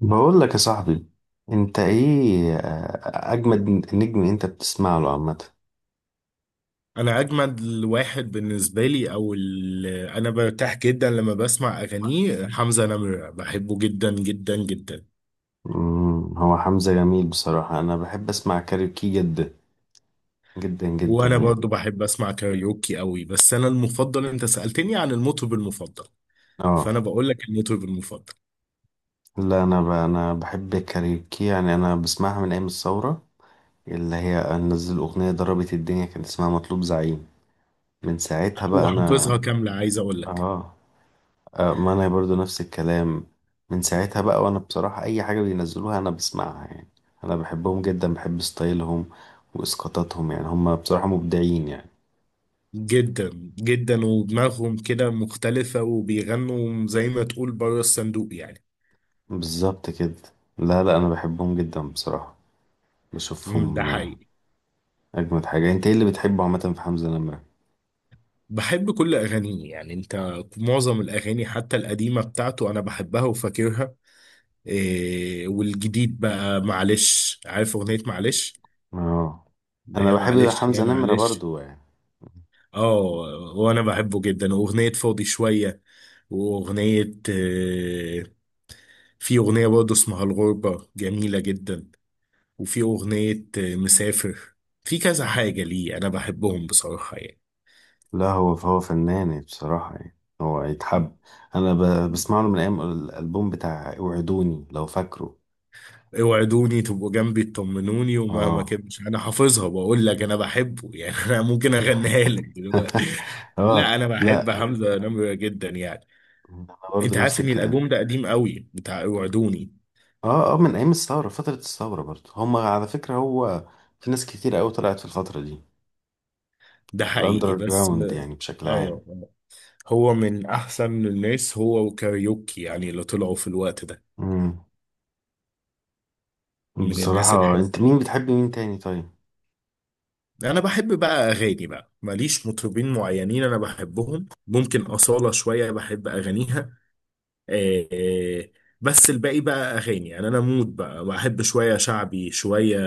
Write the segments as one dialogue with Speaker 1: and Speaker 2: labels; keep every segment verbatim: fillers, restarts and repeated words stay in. Speaker 1: بقول لك يا صاحبي، انت ايه آه، اجمد نجم انت بتسمع له عامه؟
Speaker 2: انا اجمد واحد بالنسبه لي او ال- انا برتاح جدا لما بسمع اغانيه حمزه نمره، بحبه جدا جدا جدا.
Speaker 1: مم، هو حمزة جميل بصراحه. انا بحب اسمع كاريوكي جدا جدا جدا
Speaker 2: وانا
Speaker 1: يعني.
Speaker 2: برضو بحب اسمع كاريوكي قوي، بس انا المفضل، انت سالتني عن المطرب المفضل،
Speaker 1: اه.
Speaker 2: فانا بقول لك المطرب المفضل.
Speaker 1: لا انا ب... انا بحب الكاريوكي يعني. انا بسمعها من ايام الثوره، اللي هي نزل اغنيه ضربت الدنيا كان اسمها مطلوب زعيم. من ساعتها بقى انا.
Speaker 2: وحافظها كامله عايز اقول لك.
Speaker 1: اه. آه، ما انا برضو نفس الكلام. من ساعتها بقى وانا بصراحة اي حاجة بينزلوها انا بسمعها يعني. انا بحبهم جدا، بحب ستايلهم واسقاطاتهم يعني. هم بصراحة مبدعين يعني.
Speaker 2: جدا. جدا، ودماغهم كده مختلفه وبيغنوا زي ما تقول بره الصندوق يعني.
Speaker 1: بالظبط كده. لا لا انا بحبهم جدا بصراحة.
Speaker 2: أمم، ده
Speaker 1: بشوفهم آه.
Speaker 2: حقيقي.
Speaker 1: اجمد حاجة، انت ايه اللي بتحبه عامة في حمزة نمرة؟
Speaker 2: بحب كل أغانيه يعني، أنت معظم الأغاني حتى القديمة بتاعته أنا بحبها وفاكرها. إيه، والجديد بقى معلش، عارف أغنية معلش؟
Speaker 1: اه
Speaker 2: ده
Speaker 1: انا
Speaker 2: هي
Speaker 1: بحب
Speaker 2: معلش يا
Speaker 1: حمزة نمرة
Speaker 2: معلش.
Speaker 1: برضو يعني.
Speaker 2: اه، وأنا بحبه جدا، وأغنية فاضي شوية، وأغنية إيه، في أغنية برضه اسمها الغربة جميلة جدا، وفي أغنية إيه، مسافر. في كذا حاجة ليه أنا بحبهم بصراحة يعني.
Speaker 1: لا هو هو فنان يعني، بصراحة يعني هو يتحب. انا ب- بسمع له من ايام الالبوم بتاع اوعدوني، لو فاكره.
Speaker 2: اوعدوني تبقوا جنبي تطمنوني ومهما
Speaker 1: اه.
Speaker 2: كنتش، انا حافظها، بقول لك انا بحبه يعني انا ممكن اغنيها لك دلوقتي. لا،
Speaker 1: اه.
Speaker 2: انا بحب
Speaker 1: لا انا
Speaker 2: حمزة نمرة جدا يعني.
Speaker 1: برضه
Speaker 2: انت
Speaker 1: نفس
Speaker 2: عارف ان
Speaker 1: الكلام.
Speaker 2: الالبوم ده قديم قوي بتاع اوعدوني؟
Speaker 1: اه اه، من ايام الثوره، فتره الثوره برضه هما على فكره هو. في ناس كتير قوي طلعت في الفتره دي،
Speaker 2: ده حقيقي
Speaker 1: الاندر
Speaker 2: بس
Speaker 1: جراوند
Speaker 2: اه.
Speaker 1: يعني بشكل عام.
Speaker 2: آه. هو من احسن الناس، هو وكاريوكي يعني اللي طلعوا في الوقت ده،
Speaker 1: امم.
Speaker 2: من الناس
Speaker 1: بصراحه انت مين
Speaker 2: الحلوين.
Speaker 1: بتحب مين تاني طيب؟
Speaker 2: انا بحب بقى اغاني، بقى ماليش مطربين معينين انا بحبهم، ممكن أصالة شوية بحب اغانيها آه، بس الباقي بقى اغاني يعني، انا مود بقى بحب شويه شعبي، شويه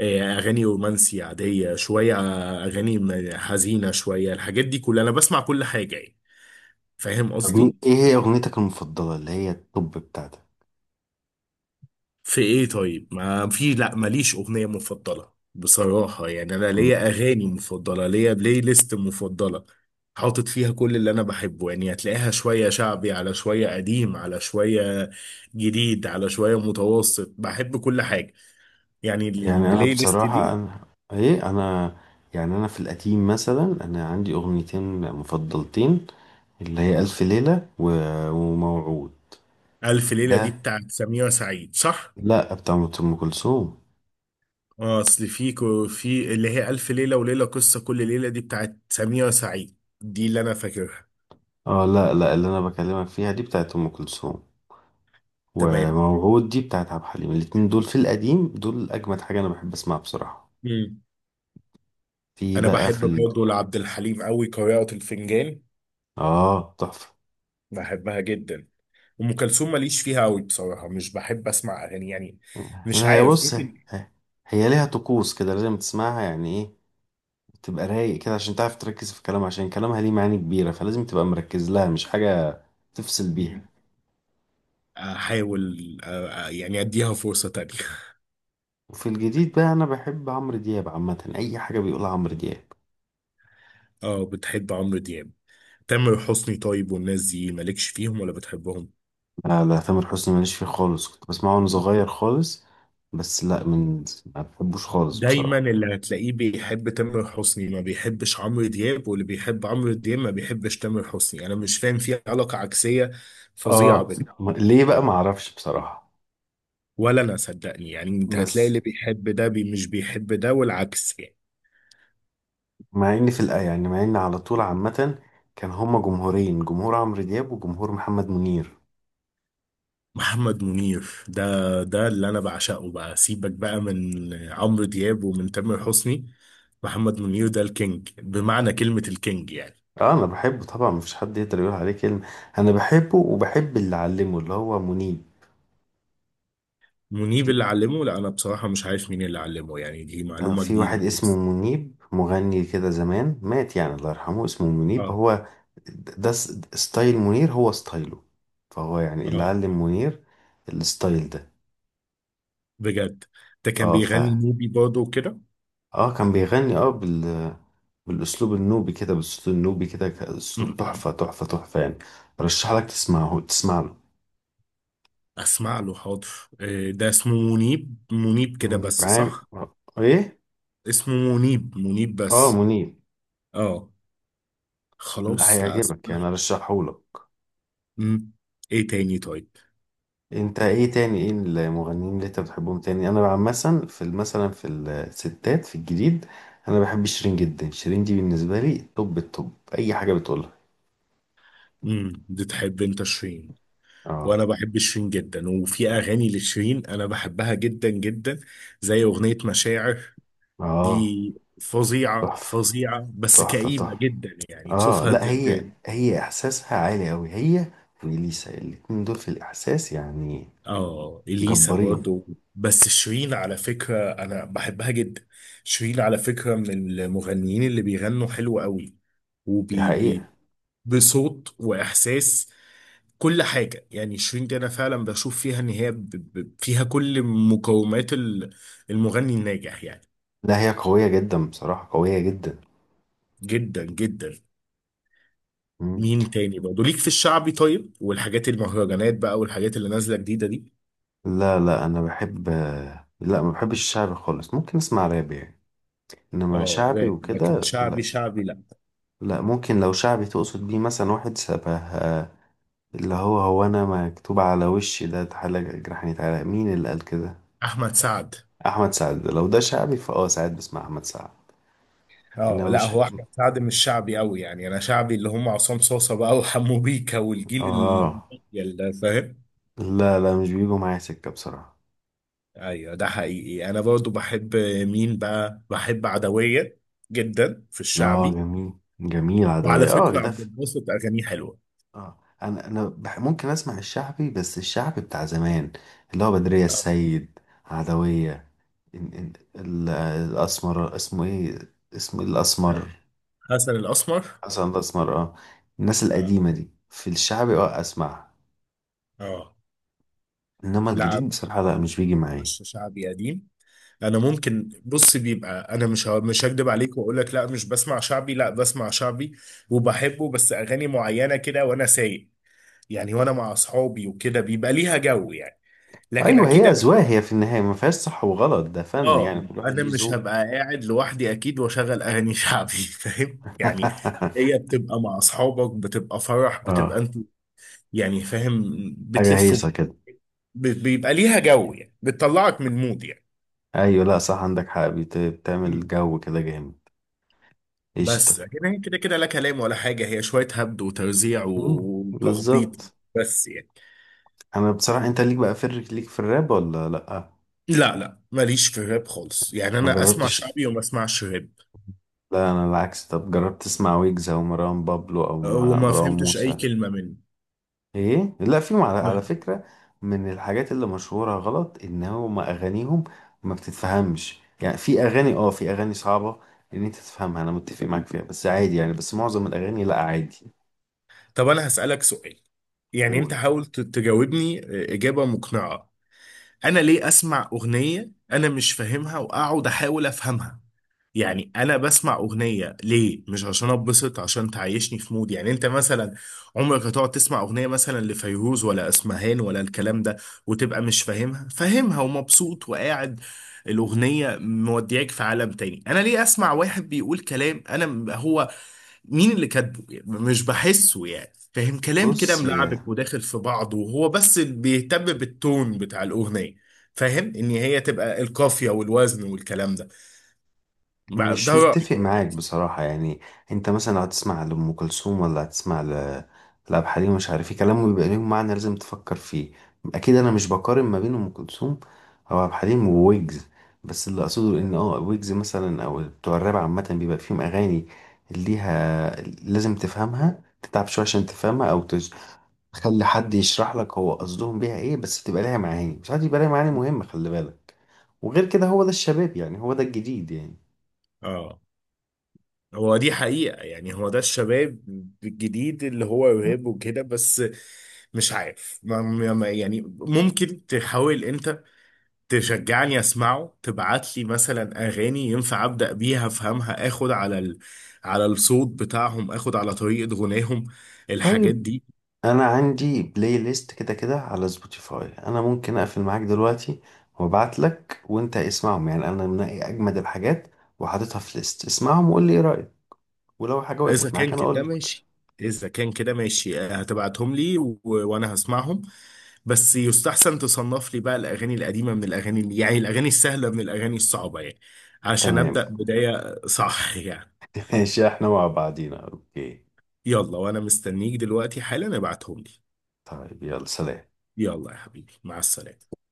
Speaker 2: آه، اغاني رومانسي عاديه، شويه اغاني م- حزينه، شويه الحاجات دي كلها انا بسمع كل حاجه يعني. فاهم
Speaker 1: طب مين،
Speaker 2: قصدي؟
Speaker 1: ايه هي اغنيتك المفضله اللي هي التوب بتاعتك؟
Speaker 2: في ايه طيب؟ ما في، لا ماليش اغنيه مفضله بصراحه يعني، انا
Speaker 1: مم.
Speaker 2: ليا اغاني مفضله، ليا بلاي ليست مفضله. حاطط فيها كل اللي انا بحبه يعني، هتلاقيها شويه شعبي على شويه قديم على شويه جديد على شويه متوسط، بحب كل حاجه يعني
Speaker 1: يعني انا
Speaker 2: البلاي ليست
Speaker 1: بصراحه
Speaker 2: دي.
Speaker 1: انا، ايه انا يعني. انا في القديم مثلا انا عندي اغنيتين مفضلتين، اللي هي الف ليله و... وموعود.
Speaker 2: ألف ليلة دي
Speaker 1: ده.
Speaker 2: بتاعت سميرة سعيد صح؟
Speaker 1: لا بتاعت ام كلثوم.
Speaker 2: اه أصل في كو- في اللي هي ألف ليلة وليلة قصة كل ليلة دي بتاعت سميرة سعيد، دي اللي أنا فاكرها.
Speaker 1: اه لا لا اللي انا بكلمك فيها دي بتاعت ام كلثوم،
Speaker 2: تمام.
Speaker 1: وموعود دي بتاعت عبد الحليم. الاتنين دول في القديم دول اجمد حاجه انا بحب اسمعها بصراحه.
Speaker 2: مم.
Speaker 1: في
Speaker 2: أنا
Speaker 1: بقى
Speaker 2: بحب
Speaker 1: في ال...
Speaker 2: برضه لعبد الحليم أوي قارئة الفنجان،
Speaker 1: اه تحفه.
Speaker 2: بحبها جدا. أم كلثوم ماليش فيها أوي بصراحة، مش بحب أسمع أغاني يعني، مش
Speaker 1: انا هي
Speaker 2: عارف،
Speaker 1: بص،
Speaker 2: ممكن.
Speaker 1: هي هي ليها طقوس كده لازم تسمعها يعني. ايه، تبقى رايق كده عشان تعرف تركز في كلامها، عشان كلامها ليه معاني كبيره، فلازم تبقى مركز لها مش حاجه تفصل بيها.
Speaker 2: مم. أحاول آه، آه، يعني أديها فرصة تانية
Speaker 1: وفي الجديد بقى انا بحب عمرو دياب عامه، اي حاجه بيقولها عمرو دياب.
Speaker 2: اه، بتحب عمرو دياب. تامر حسني طيب، والناس دي مالكش فيهم ولا بتحبهم؟
Speaker 1: لا لا تامر حسني ماليش فيه خالص، كنت بسمعه وانا صغير خالص، بس لا من، ما بحبوش خالص
Speaker 2: دايما
Speaker 1: بصراحة.
Speaker 2: اللي هتلاقيه بيحب تامر حسني ما بيحبش عمرو دياب، واللي بيحب عمرو دياب ما بيحبش تامر حسني، انا مش فاهم، في علاقة عكسية فظيعة
Speaker 1: اه.
Speaker 2: بينهم.
Speaker 1: ما- ليه بقى ما اعرفش بصراحة.
Speaker 2: ولا انا، صدقني يعني، انت هتلاقي
Speaker 1: بس
Speaker 2: اللي بيحب ده بي مش بيحب ده والعكس يعني.
Speaker 1: مع ان في الآية يعني، مع ان على طول عامة كان هما جمهورين، جمهور عمرو دياب وجمهور محمد منير.
Speaker 2: محمد منير ده ده اللي انا بعشقه بقى، سيبك بقى من عمرو دياب ومن تامر حسني. محمد منير ده الكينج، بمعنى كلمة الكينج يعني.
Speaker 1: اه انا بحبه طبعا، مفيش حد يقدر يقول عليه كلمة. انا بحبه وبحب اللي علمه اللي هو منيب.
Speaker 2: منيب
Speaker 1: في
Speaker 2: اللي علمه؟ لا انا بصراحه مش عارف مين اللي علمه يعني، دي
Speaker 1: آه،
Speaker 2: معلومه
Speaker 1: في واحد
Speaker 2: جديده
Speaker 1: اسمه
Speaker 2: خالص.
Speaker 1: منيب، مغني كده زمان، مات يعني الله يرحمه، اسمه منيب
Speaker 2: اه،
Speaker 1: هو. ده س- ستايل منير هو ستايله، فهو يعني اللي
Speaker 2: اه،
Speaker 1: علم منير الستايل ده.
Speaker 2: بجد؟ ده كان
Speaker 1: اه ف
Speaker 2: بيغني نوبي برضه وكده؟
Speaker 1: اه كان بيغني اه بال بالاسلوب النوبي كده، بالصوت النوبي كده، ك- اسلوب
Speaker 2: م-م.
Speaker 1: تحفه تحفه تحفه يعني. رشح لك تسمعه تسمع له.
Speaker 2: اسمع له، حاضر. آه، ده اسمه منيب، منيب كده
Speaker 1: منيب
Speaker 2: بس
Speaker 1: عام
Speaker 2: صح؟
Speaker 1: آه، ايه.
Speaker 2: اسمه منيب منيب
Speaker 1: اه
Speaker 2: بس.
Speaker 1: منيب.
Speaker 2: اه،
Speaker 1: لا
Speaker 2: خلاص، لا
Speaker 1: هيعجبك
Speaker 2: اسمع
Speaker 1: يعني،
Speaker 2: له.
Speaker 1: ارشحه لك.
Speaker 2: مم. ايه تاني طيب؟
Speaker 1: انت ايه تاني، ايه المغنيين اللي انت بتحبهم تاني؟ انا عامه في ال- مثلا في الستات في الجديد، انا بحب شيرين جدا. شيرين دي بالنسبه لي توب التوب، اي حاجه بتقولها.
Speaker 2: امم بتحب انت شيرين؟
Speaker 1: اه.
Speaker 2: وانا بحب شيرين جدا، وفي اغاني لشيرين انا بحبها جدا جدا، زي اغنيه مشاعر
Speaker 1: اه
Speaker 2: دي. فظيعة
Speaker 1: تحفه
Speaker 2: فظيعة، بس
Speaker 1: تحفه
Speaker 2: كئيبة
Speaker 1: تحفه.
Speaker 2: جدا يعني،
Speaker 1: اه
Speaker 2: تشوفها
Speaker 1: لا
Speaker 2: ت-
Speaker 1: هي
Speaker 2: ت-
Speaker 1: هي احساسها عالي قوي هي واليسا، الاتنين دول في الاحساس يعني
Speaker 2: اه، اليسا
Speaker 1: جبارين.
Speaker 2: برضو. بس شيرين على فكرة انا بحبها جدا. شيرين على فكرة من المغنيين اللي بيغنوا حلو قوي،
Speaker 1: دي
Speaker 2: وبي
Speaker 1: حقيقه.
Speaker 2: بي بصوت واحساس، كل حاجة يعني. شيرين دي انا فعلا بشوف فيها ان هي ب- ب- فيها كل مقومات ال- المغني الناجح يعني.
Speaker 1: لا هي قويه جدا بصراحه، قويه جدا.
Speaker 2: جدا جدا.
Speaker 1: مم.
Speaker 2: مين تاني برضه ليك في الشعبي طيب؟ والحاجات المهرجانات بقى والحاجات اللي نازله جديده دي؟
Speaker 1: لا لا انا بحب، لا ما بحبش الشعر خالص، ممكن اسمع راب يعني، انما
Speaker 2: اه
Speaker 1: شعبي
Speaker 2: راب، لكن
Speaker 1: وكده لا.
Speaker 2: شعبي شعبي لا.
Speaker 1: لا ممكن لو شعبي تقصد بيه مثلا واحد شبه آه، اللي هو هو انا مكتوب على وشي ده، تعالى جرحني تعالى، مين اللي قال كده؟
Speaker 2: احمد سعد.
Speaker 1: احمد سعد. لو ده شعبي فاه، ساعات بسمع احمد سعد.
Speaker 2: اه
Speaker 1: انما
Speaker 2: لا،
Speaker 1: مش،
Speaker 2: هو احمد سعد مش شعبي قوي يعني، انا شعبي اللي هم عصام صاصه بقى وحمو بيكا والجيل ال-
Speaker 1: اه
Speaker 2: اللي فاهم.
Speaker 1: لا لا مش بيجوا معايا سكة بصراحة.
Speaker 2: ايوه ده حقيقي، انا برضو بحب، مين بقى؟ بحب عدويه جدا في
Speaker 1: اه
Speaker 2: الشعبي.
Speaker 1: جميل، جميل
Speaker 2: وعلى
Speaker 1: عدوية اه
Speaker 2: فكره
Speaker 1: ده.
Speaker 2: عبد الباسط اغانيه حلوه.
Speaker 1: اه انا انا بح- ممكن اسمع الشعبي، بس الشعبي بتاع زمان، اللي هو بدرية
Speaker 2: آه.
Speaker 1: السيد، عدوية، إن إن ال- الاسمر اسمه ايه، اسمه الاسمر.
Speaker 2: حسن الاسمر.
Speaker 1: حسن الاسمر اه. الناس
Speaker 2: اه،
Speaker 1: القديمة دي في الشعبي اه اسمع،
Speaker 2: اه،
Speaker 1: انما
Speaker 2: لا
Speaker 1: الجديد بصراحة لا مش بيجي معايا.
Speaker 2: عش شعبي قديم. انا ممكن، بص، بيبقى انا مش ه- مش هكدب عليك واقول لك لا مش بسمع شعبي، لا بسمع شعبي وبحبه، بس اغاني معينه كده وانا سايق يعني، وانا مع اصحابي وكده بيبقى ليها جو يعني، لكن
Speaker 1: ايوه،
Speaker 2: اكيد
Speaker 1: هي
Speaker 2: أنا-
Speaker 1: اذواق. هي في النهاية ما فيهاش صح وغلط، ده فن يعني،
Speaker 2: اه،
Speaker 1: كل واحد
Speaker 2: انا
Speaker 1: ليه
Speaker 2: مش
Speaker 1: ذوق.
Speaker 2: هبقى قاعد لوحدي اكيد واشغل اغاني شعبي فاهم يعني. هي بتبقى مع اصحابك، بتبقى فرح، بتبقى
Speaker 1: اه
Speaker 2: انت يعني، فاهم،
Speaker 1: حاجة
Speaker 2: بتلف
Speaker 1: هيصة
Speaker 2: وب-
Speaker 1: كده.
Speaker 2: بيبقى ليها جو يعني، بتطلعك من مود
Speaker 1: ايوه لا صح، عندك حق. بت- بتعمل
Speaker 2: يعني.
Speaker 1: جو كده جامد. قشطة.
Speaker 2: بس لكن هي كده كده لا كلام ولا حاجة، هي شوية هبد وتوزيع
Speaker 1: مم،
Speaker 2: وتخبيط
Speaker 1: بالظبط.
Speaker 2: بس يعني.
Speaker 1: انا بصراحه، انت ليك بقى في الر- ليك في الراب ولا لا؟
Speaker 2: لا لا، ماليش في الراب خالص يعني،
Speaker 1: ما مم.
Speaker 2: أنا أسمع
Speaker 1: جربتش؟
Speaker 2: شعبي وما أسمعش راب
Speaker 1: لا انا العكس. طب جربت تسمع ويجز او مروان بابلو او ما-
Speaker 2: وما
Speaker 1: مروان
Speaker 2: فهمتش أي
Speaker 1: موسى؟
Speaker 2: كلمة منه.
Speaker 1: ايه لا فيهم على، على فكره من الحاجات اللي مشهوره غلط ان هم اغانيهم ما بتتفهمش. يعني في اغاني، اه في اغاني صعبه ان انت تفهمها، انا متفق معاك فيها، بس عادي يعني، بس معظم الاغاني لا عادي.
Speaker 2: طب أنا هسألك سؤال، يعني
Speaker 1: قول.
Speaker 2: أنت حاول ت- تجاوبني إجابة مقنعة. أنا ليه أسمع أغنية أنا مش فاهمها وأقعد أحاول أفهمها؟ يعني انا بسمع اغنيه ليه؟ مش عشان اتبسط؟ عشان تعيشني في مود يعني. انت مثلا عمرك هتقعد تسمع اغنيه مثلا لفيروز ولا اسمهان ولا الكلام ده وتبقى مش فاهمها؟ فاهمها ومبسوط وقاعد، الاغنيه مودياك في عالم تاني. انا ليه اسمع واحد بيقول كلام انا م- هو مين اللي كاتبه يعني؟ مش بحسه يعني، فاهم كلام كده
Speaker 1: بص
Speaker 2: ملعبك وداخل في بعضه، وهو بس بيهتم بالتون بتاع الاغنيه. فاهم ان هي تبقى القافيه والوزن والكلام ده، ما- ده
Speaker 1: مش
Speaker 2: رأيي
Speaker 1: متفق
Speaker 2: يعني.
Speaker 1: معاك بصراحة يعني. انت مثلا لو هتسمع لأم كلثوم ولا هتسمع ل... لعبد الحليم، مش عارف ايه، كلامه بيبقى ليهم معنى لازم تفكر فيه. اكيد انا مش بقارن ما بين أم كلثوم او عبد الحليم وويجز، بس اللي اقصده ان اه ويجز مثلا او بتوع الراب عامة بيبقى فيهم اغاني ليها، لازم تفهمها، تتعب شوية عشان تفهمها، او تج... تخلي حد يشرح لك هو قصدهم بيها ايه، بس تبقى ليها معاني، ساعات يبقى ليها معاني مهمة خلي بالك. وغير كده هو ده الشباب يعني، هو ده الجديد يعني.
Speaker 2: اه، هو دي حقيقة يعني، هو ده الشباب الجديد اللي هو يهاب وكده بس. مش عارف، ما ما- ما- يعني ممكن تحاول انت تشجعني اسمعه، تبعت لي مثلا اغاني ينفع ابدا بيها افهمها، اخد على ال... على الصوت بتاعهم، اخد على طريقة غناهم الحاجات
Speaker 1: طيب،
Speaker 2: دي.
Speaker 1: انا عندي بلاي ليست كده كده على سبوتيفاي، انا ممكن اقفل معاك دلوقتي وابعت لك وانت اسمعهم. يعني انا منقي اجمد الحاجات وحاططها في ليست، اسمعهم وقول لي ايه رايك، ولو حاجه
Speaker 2: اذا
Speaker 1: وقفت معاك
Speaker 2: كان
Speaker 1: انا اقول
Speaker 2: كده
Speaker 1: لك.
Speaker 2: ماشي، اذا كان كده ماشي آه، هتبعتهم لي و... وانا هسمعهم. بس يستحسن تصنف لي بقى الاغاني القديمه من الاغاني اللي... يعني الاغاني السهله من الاغاني الصعبه يعني، عشان
Speaker 1: تمام.
Speaker 2: ابدا بدايه صح يعني.
Speaker 1: ماشي احنا مع بعضينا، اوكي.
Speaker 2: يلا وانا مستنيك دلوقتي حالا، ابعتهم لي.
Speaker 1: طيب يلا سلام.
Speaker 2: يلا يا حبيبي، مع السلامه.